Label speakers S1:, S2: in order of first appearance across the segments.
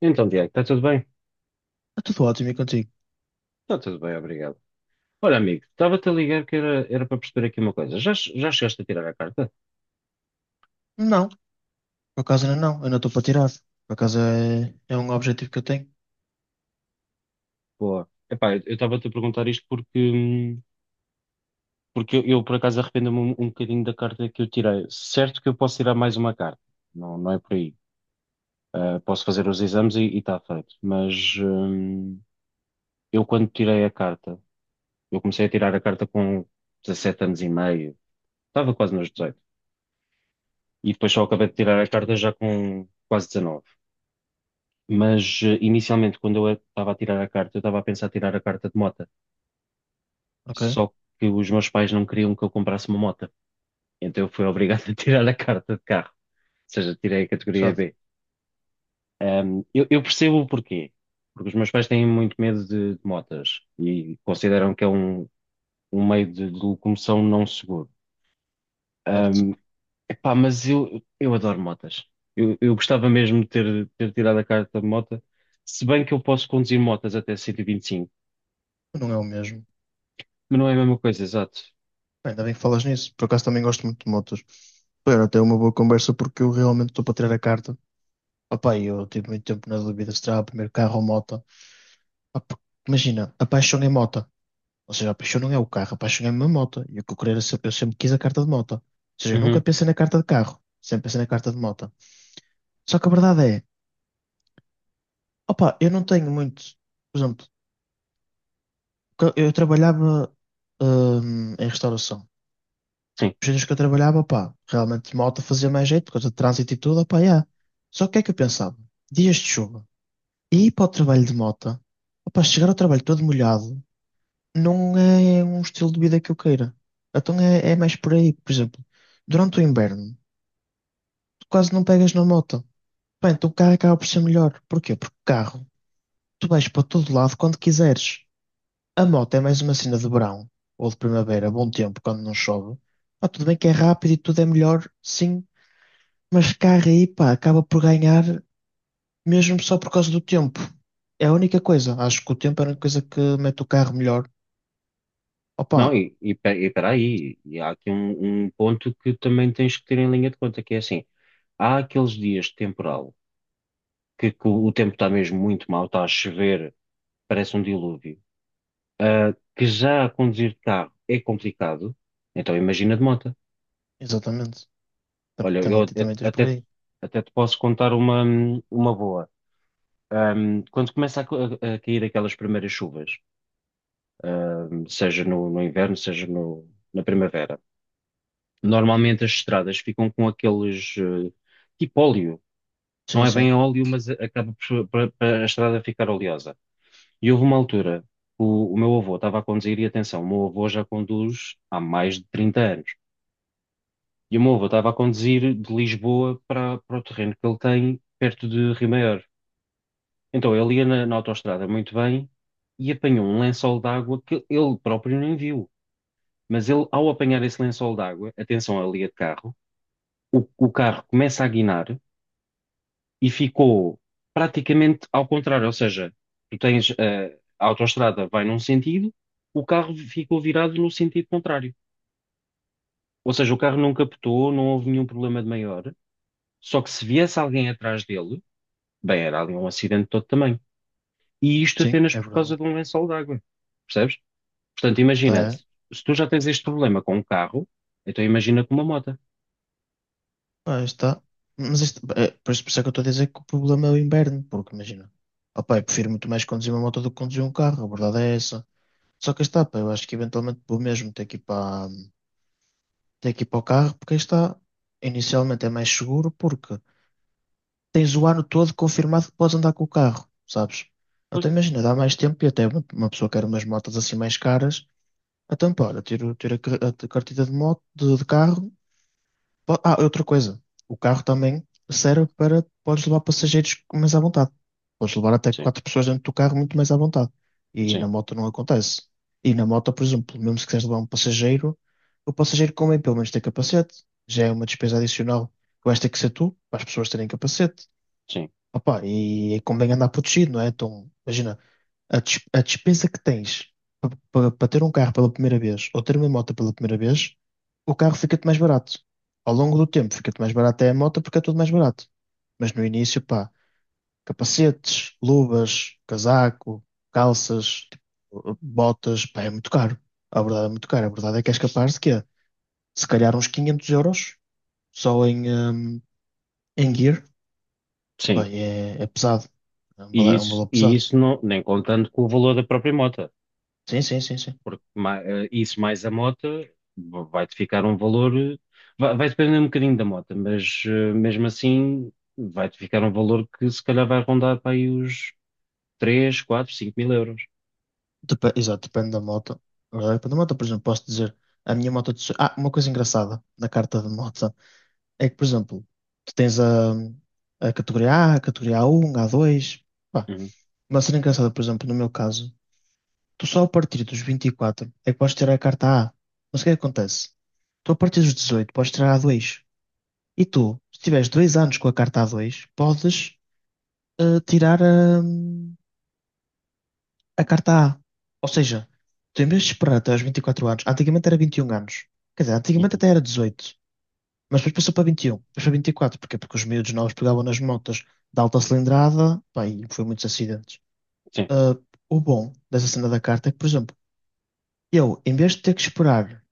S1: Então, Diego, está tudo bem?
S2: Está tudo ótimo e contigo?
S1: Está tudo bem, obrigado. Olha, amigo, estava-te a ligar que era para perceber aqui uma coisa. Já chegaste a tirar a carta?
S2: Não, por acaso ainda não, ainda estou para tirar. Por acaso é um objetivo que eu tenho,
S1: Boa. Epá, eu estava-te a perguntar isto porque eu, por acaso arrependo-me um bocadinho da carta que eu tirei. Certo que eu posso tirar mais uma carta, não, não é por aí. Ah, posso fazer os exames e está feito. Mas eu quando tirei a carta, eu comecei a tirar a carta com 17 anos e meio, estava quase nos 18. E depois só acabei de tirar a carta já com quase 19. Mas inicialmente, quando eu estava a tirar a carta, eu estava a pensar tirar a carta de mota.
S2: ok?
S1: Só que os meus pais não queriam que eu comprasse uma mota. Então eu fui obrigado a tirar a carta de carro. Ou seja, tirei a categoria
S2: Sabe,
S1: B. Eu percebo o porquê. Porque os meus pais têm muito medo de motas e consideram que é um meio de locomoção não seguro.
S2: certo.
S1: Ahm, epá, mas eu adoro motas. Eu gostava mesmo de ter tirado a carta de mota. Se bem que eu posso conduzir motas até 125,
S2: Não é o mesmo.
S1: mas não é a mesma coisa, exato.
S2: Bem, ainda bem que falas nisso, por acaso também gosto muito de motos. Espero até uma boa conversa porque eu realmente estou para tirar a carta. Opá, e eu tive muito tempo na dúvida se terá o primeiro carro ou moto. Pá, porque, imagina, a paixão é moto. Ou seja, a paixão não é o carro, a paixão é a minha moto. E o que eu queria era sempre, eu sempre quis a carta de moto. Ou seja, eu nunca
S1: Uhum.
S2: pensei na carta de carro, sempre pensei na carta de moto. Só que a verdade é, opá, eu não tenho muito. Por exemplo, porque eu trabalhava, em restauração.
S1: Sim.
S2: Os dias que eu trabalhava, pá, realmente malta fazia mais jeito, por causa de trânsito e tudo, pá, yeah. Só que o que é que eu pensava? Dias de chuva. E ir para o trabalho de moto, opá, chegar ao trabalho todo molhado, não é um estilo de vida que eu queira. Então é mais por aí, por exemplo, durante o inverno, tu quase não pegas na moto. Bem, então o carro acaba por ser melhor. Porquê? Porque o carro, tu vais para todo lado quando quiseres. A moto é mais uma cena de verão ou de primavera, bom tempo, quando não chove. Pá, tudo bem que é rápido e tudo é melhor, sim, mas carro aí, pá, acaba por ganhar mesmo só por causa do tempo. É a única coisa. Acho que o tempo é a única coisa que mete o carro melhor.
S1: Não,
S2: Opa,
S1: e peraí, e há aqui um ponto que também tens que ter em linha de conta, que é assim, há aqueles dias de temporal, que o tempo está mesmo muito mau, está a chover, parece um dilúvio, que já a conduzir de carro é complicado, então imagina de moto.
S2: exatamente. Também,
S1: Olha, eu
S2: também, também
S1: a-
S2: tens por
S1: até, te-
S2: aí.
S1: até te posso contar uma boa. Quando começa a cair aquelas primeiras chuvas, seja no inverno, seja no, na primavera, normalmente as estradas ficam com aqueles tipo óleo. Não
S2: Sim,
S1: é
S2: sim,
S1: bem óleo, mas acaba por a estrada ficar oleosa. E houve uma altura que o meu avô estava a conduzir, e atenção, o meu avô já conduz há mais de 30 anos. E o meu avô estava a conduzir de Lisboa para o terreno que ele tem perto de Rio Maior. Então ele ia na autoestrada muito bem e apanhou um lençol d'água que ele próprio nem viu. Mas ele, ao apanhar esse lençol d'água, atenção, ali é de carro, o carro começa a guinar e ficou praticamente ao contrário. Ou seja, tu tens a autoestrada vai num sentido, o carro ficou virado no sentido contrário. Ou seja, o carro não captou, não houve nenhum problema de maior, só que se viesse alguém atrás dele, bem, era ali um acidente de todo tamanho. E isto
S2: sim,
S1: apenas
S2: é
S1: por causa
S2: verdade.
S1: de um lençol de água, percebes? Portanto, imagina,
S2: Está, é.
S1: se tu já tens este problema com um carro, então imagina com uma moto.
S2: Pá, está. Mas isto, é, por isso é que eu estou a dizer que o problema é o inverno, porque imagina. Opa, eu prefiro muito mais conduzir uma moto do que conduzir um carro, a verdade é essa. Só que aí está, pá, eu acho que eventualmente vou mesmo ter que ir para, ter que ir para o carro, porque aí está, inicialmente é mais seguro, porque tens o ano todo confirmado que podes andar com o carro, sabes?
S1: Pois.
S2: Até imagina, dá mais tempo e até uma pessoa quer umas motas assim mais caras, então pá, olha, a carteira de moto, de carro. Po- Ah, outra coisa. O carro também serve para. Podes levar passageiros mais à vontade. Podes levar até
S1: Sim,
S2: quatro pessoas dentro do carro muito mais à vontade. E
S1: sim,
S2: na moto não acontece. E na moto, por exemplo, mesmo se quiseres levar um passageiro, o passageiro convém pelo menos ter capacete. Já é uma despesa adicional que vais ter que ser tu, para as pessoas terem capacete.
S1: sim,
S2: Opa, e convém andar protegido, não é? Então, imagina, a despesa que tens para ter um carro pela primeira vez ou ter uma moto pela primeira vez, o carro fica-te mais barato. Ao longo do tempo fica-te mais barato é a moto porque é tudo mais barato. Mas no início, pá, capacetes, luvas, casaco, calças, tipo, botas, pá, é muito caro. A verdade é muito caro. A verdade é que és capaz de quê? Se calhar uns 500 euros só em, em gear.
S1: sim.
S2: Bem, é pesado. É um
S1: E
S2: valor, é um
S1: isso,
S2: valor
S1: e
S2: pesado.
S1: isso não, nem contando com o valor da própria moto.
S2: Sim, sim, sim, sim.
S1: Porque isso mais a moto vai-te ficar um valor, vai depender um bocadinho da moto, mas mesmo assim vai-te ficar um valor que se calhar vai rondar para aí os 3, 4, 5 mil euros.
S2: Depe- Exato, depende da moto. Agora, depende da moto, por exemplo, posso dizer a minha moto. De so- Ah, uma coisa engraçada na carta de moto é que, por exemplo, tu tens a categoria a um, a dois. Pá,
S1: Uhum,
S2: uma cena engraçada, por exemplo, no meu caso, tu só a partir dos 24, é que podes tirar a carta A. Mas o que é que acontece? Tu a partir dos 18, podes tirar a A2. E tu, se tiveres dois anos com a carta a dois, podes tirar a. A carta A. Ou seja, tu em vez de esperar até aos 24 anos, antigamente era 21 anos. Quer dizer, antigamente
S1: uhum.
S2: até era 18, mas depois passou para 21, depois para 24. Porquê? Porque os miúdos novos pegavam nas motas de alta cilindrada, pá, e foi muitos acidentes.
S1: Sim,
S2: Ah, o bom dessa cena da carta é que, por exemplo, eu, em vez de ter que esperar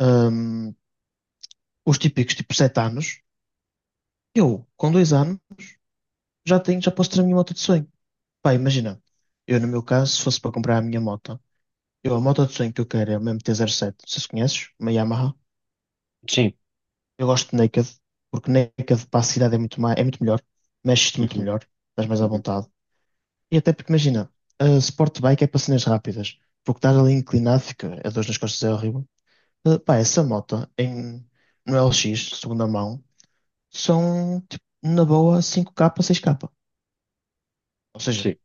S2: ahm, os típicos tipo 7 anos, eu, com 2 anos, já tenho, já posso ter a minha moto de sonho. Pá, imagina, eu no meu caso, se fosse para comprar a minha moto, eu, a moto de sonho que eu quero é uma mt sete. Se conheces, uma Yamaha.
S1: sim,
S2: Eu gosto de Naked, porque Naked para a cidade é muito, ma- é muito melhor, mexes-te muito
S1: uhum,
S2: melhor, estás mais à
S1: uhum.
S2: vontade. E até porque imagina, a Sport Bike é para cenas rápidas, porque estás ali inclinado, fica a dor nas costas é horrível. Pá, essa moto em, no LX, segunda mão, são tipo, na boa 5K, 6K. Ou seja,
S1: Sim,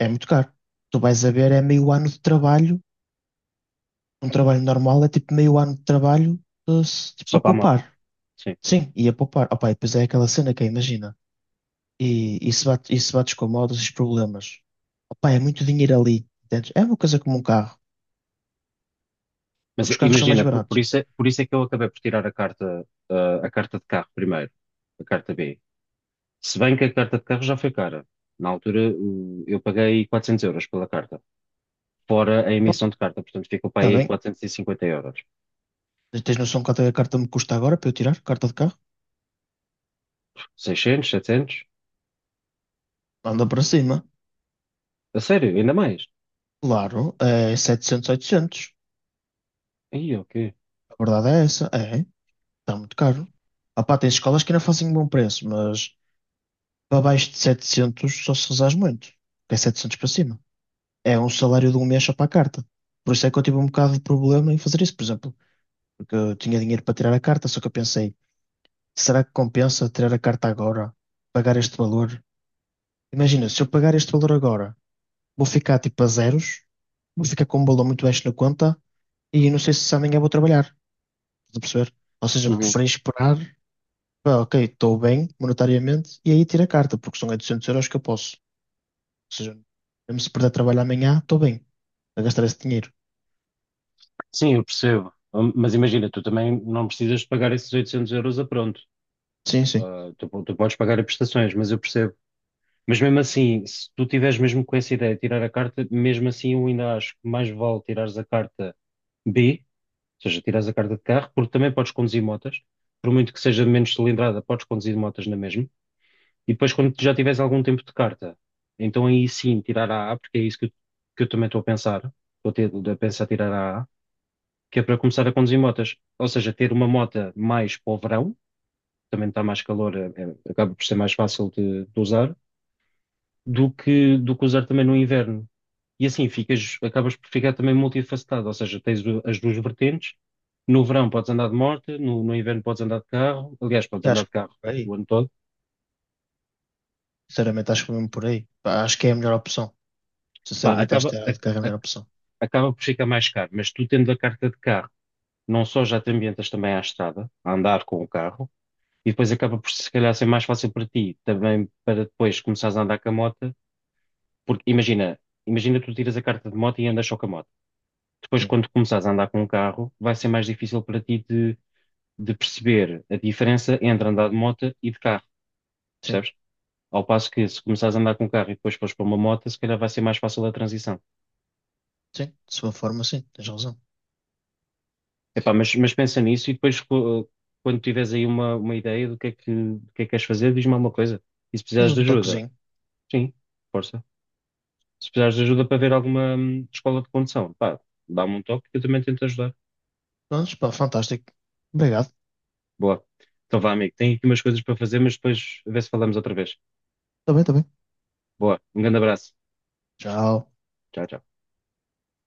S2: é muito caro. Tu vais a ver, é meio ano de trabalho, um trabalho normal é tipo meio ano de trabalho se- tipo,
S1: só
S2: a
S1: para a moto,
S2: poupar.
S1: sim.
S2: Sim, e a poupar. Opa, e depois é aquela cena que é, imagina. E bate com modos, esses problemas. Opa, é muito dinheiro ali. Entendes? É uma coisa como um carro, só
S1: Mas
S2: que os carros são mais
S1: imagina, por,
S2: baratos.
S1: por isso é, por isso é que eu acabei por tirar a carta, a carta de carro primeiro, a carta B. Se bem que a carta de carro já foi cara. Na altura, eu paguei 400 € pela carta, fora a
S2: Oh,
S1: emissão de carta. Portanto, ficou para
S2: está
S1: aí
S2: bem,
S1: 450 euros.
S2: tens noção quanto é que a carta me custa agora para eu tirar? Carta de carro?
S1: 600, 700?
S2: Anda para cima.
S1: A sério, ainda mais?
S2: Claro, é 700, 800.
S1: Aí, ok.
S2: A verdade é essa. Está muito caro. Opa, tem escolas que ainda fazem um bom preço, mas para baixo de 700 só se rezares muito. Que é 700 para cima. É um salário de um mês só para a carta. Por isso é que eu tive um bocado de problema em fazer isso. Por exemplo, porque eu tinha dinheiro para tirar a carta, só que eu pensei, será que compensa tirar a carta agora? Pagar este valor? Imagina, se eu pagar este valor agora, vou ficar tipo a zeros, vou ficar com um valor muito baixo na conta e não sei se amanhã vou trabalhar, estás a perceber? Ou seja,
S1: Uhum.
S2: preferi esperar, pá, ok, estou bem monetariamente e aí tiro a carta, porque são 800 € que eu posso. Ou seja, mesmo se perder trabalho amanhã, estou bem a gastar esse dinheiro.
S1: Sim, eu percebo. Mas imagina, tu também não precisas de pagar esses 800 € a pronto.
S2: Sim, sim.
S1: Ah, tu podes pagar as prestações, mas eu percebo. Mas mesmo assim, se tu tiveres mesmo com essa ideia de tirar a carta, mesmo assim eu ainda acho que mais vale tirares a carta B, ou seja, tirares a carta de carro, porque também podes conduzir motas. Por muito que seja menos cilindrada, podes conduzir motas na mesma. E depois, quando tu já tiveres algum tempo de carta, então aí sim tirar a A, porque é isso que eu também estou a pensar. Estou a pensar tirar a A, que é para começar a conduzir motas. Ou seja, ter uma mota mais para o verão, também está mais calor, acaba por ser mais fácil de usar, do que usar também no inverno. E assim ficas, acabas por ficar também multifacetado, ou seja, tens as duas vertentes. No verão podes andar de moto, no inverno podes andar de carro, aliás, podes
S2: Eu
S1: andar
S2: acho
S1: de
S2: que
S1: carro
S2: por
S1: o
S2: aí.
S1: ano todo.
S2: Sinceramente, acho que mesmo por aí. Pá, acho que é a melhor opção.
S1: Pá,
S2: Sinceramente, acho
S1: acaba,
S2: que é a melhor opção.
S1: acaba por ficar mais caro, mas tu tendo a carta de carro, não só já te ambientas também à estrada, a andar com o carro, e depois acaba por se calhar ser mais fácil para ti, também para depois começares a andar com a moto, porque imagina, imagina tu tiras a carta de moto e andas só com a moto. Depois,
S2: Sim,
S1: quando começares a andar com o carro, vai ser mais difícil para ti de perceber a diferença entre andar de moto e de carro,
S2: sim,
S1: percebes? Ao passo que se começares a andar com o carro e depois fores para uma moto, se calhar vai ser mais fácil a transição.
S2: sim. De sua forma, sim, tens razão.
S1: Epá, mas pensa nisso e depois quando tiveres aí uma ideia do que é que queres fazer, diz-me alguma coisa. E se
S2: Eu
S1: precisares de
S2: dou-te um
S1: ajuda,
S2: toquezinho.
S1: sim, força. Se precisares de ajuda para ver alguma escola de condução, pá, dá-me um toque que eu também tento ajudar.
S2: Mas, pá, fantástico. Obrigado.
S1: Boa. Então vá, amigo, tenho aqui umas coisas para fazer, mas depois a ver se falamos outra vez.
S2: Tá bem, tá bem.
S1: Boa, um grande abraço.
S2: Tchau.
S1: Tchau, tchau.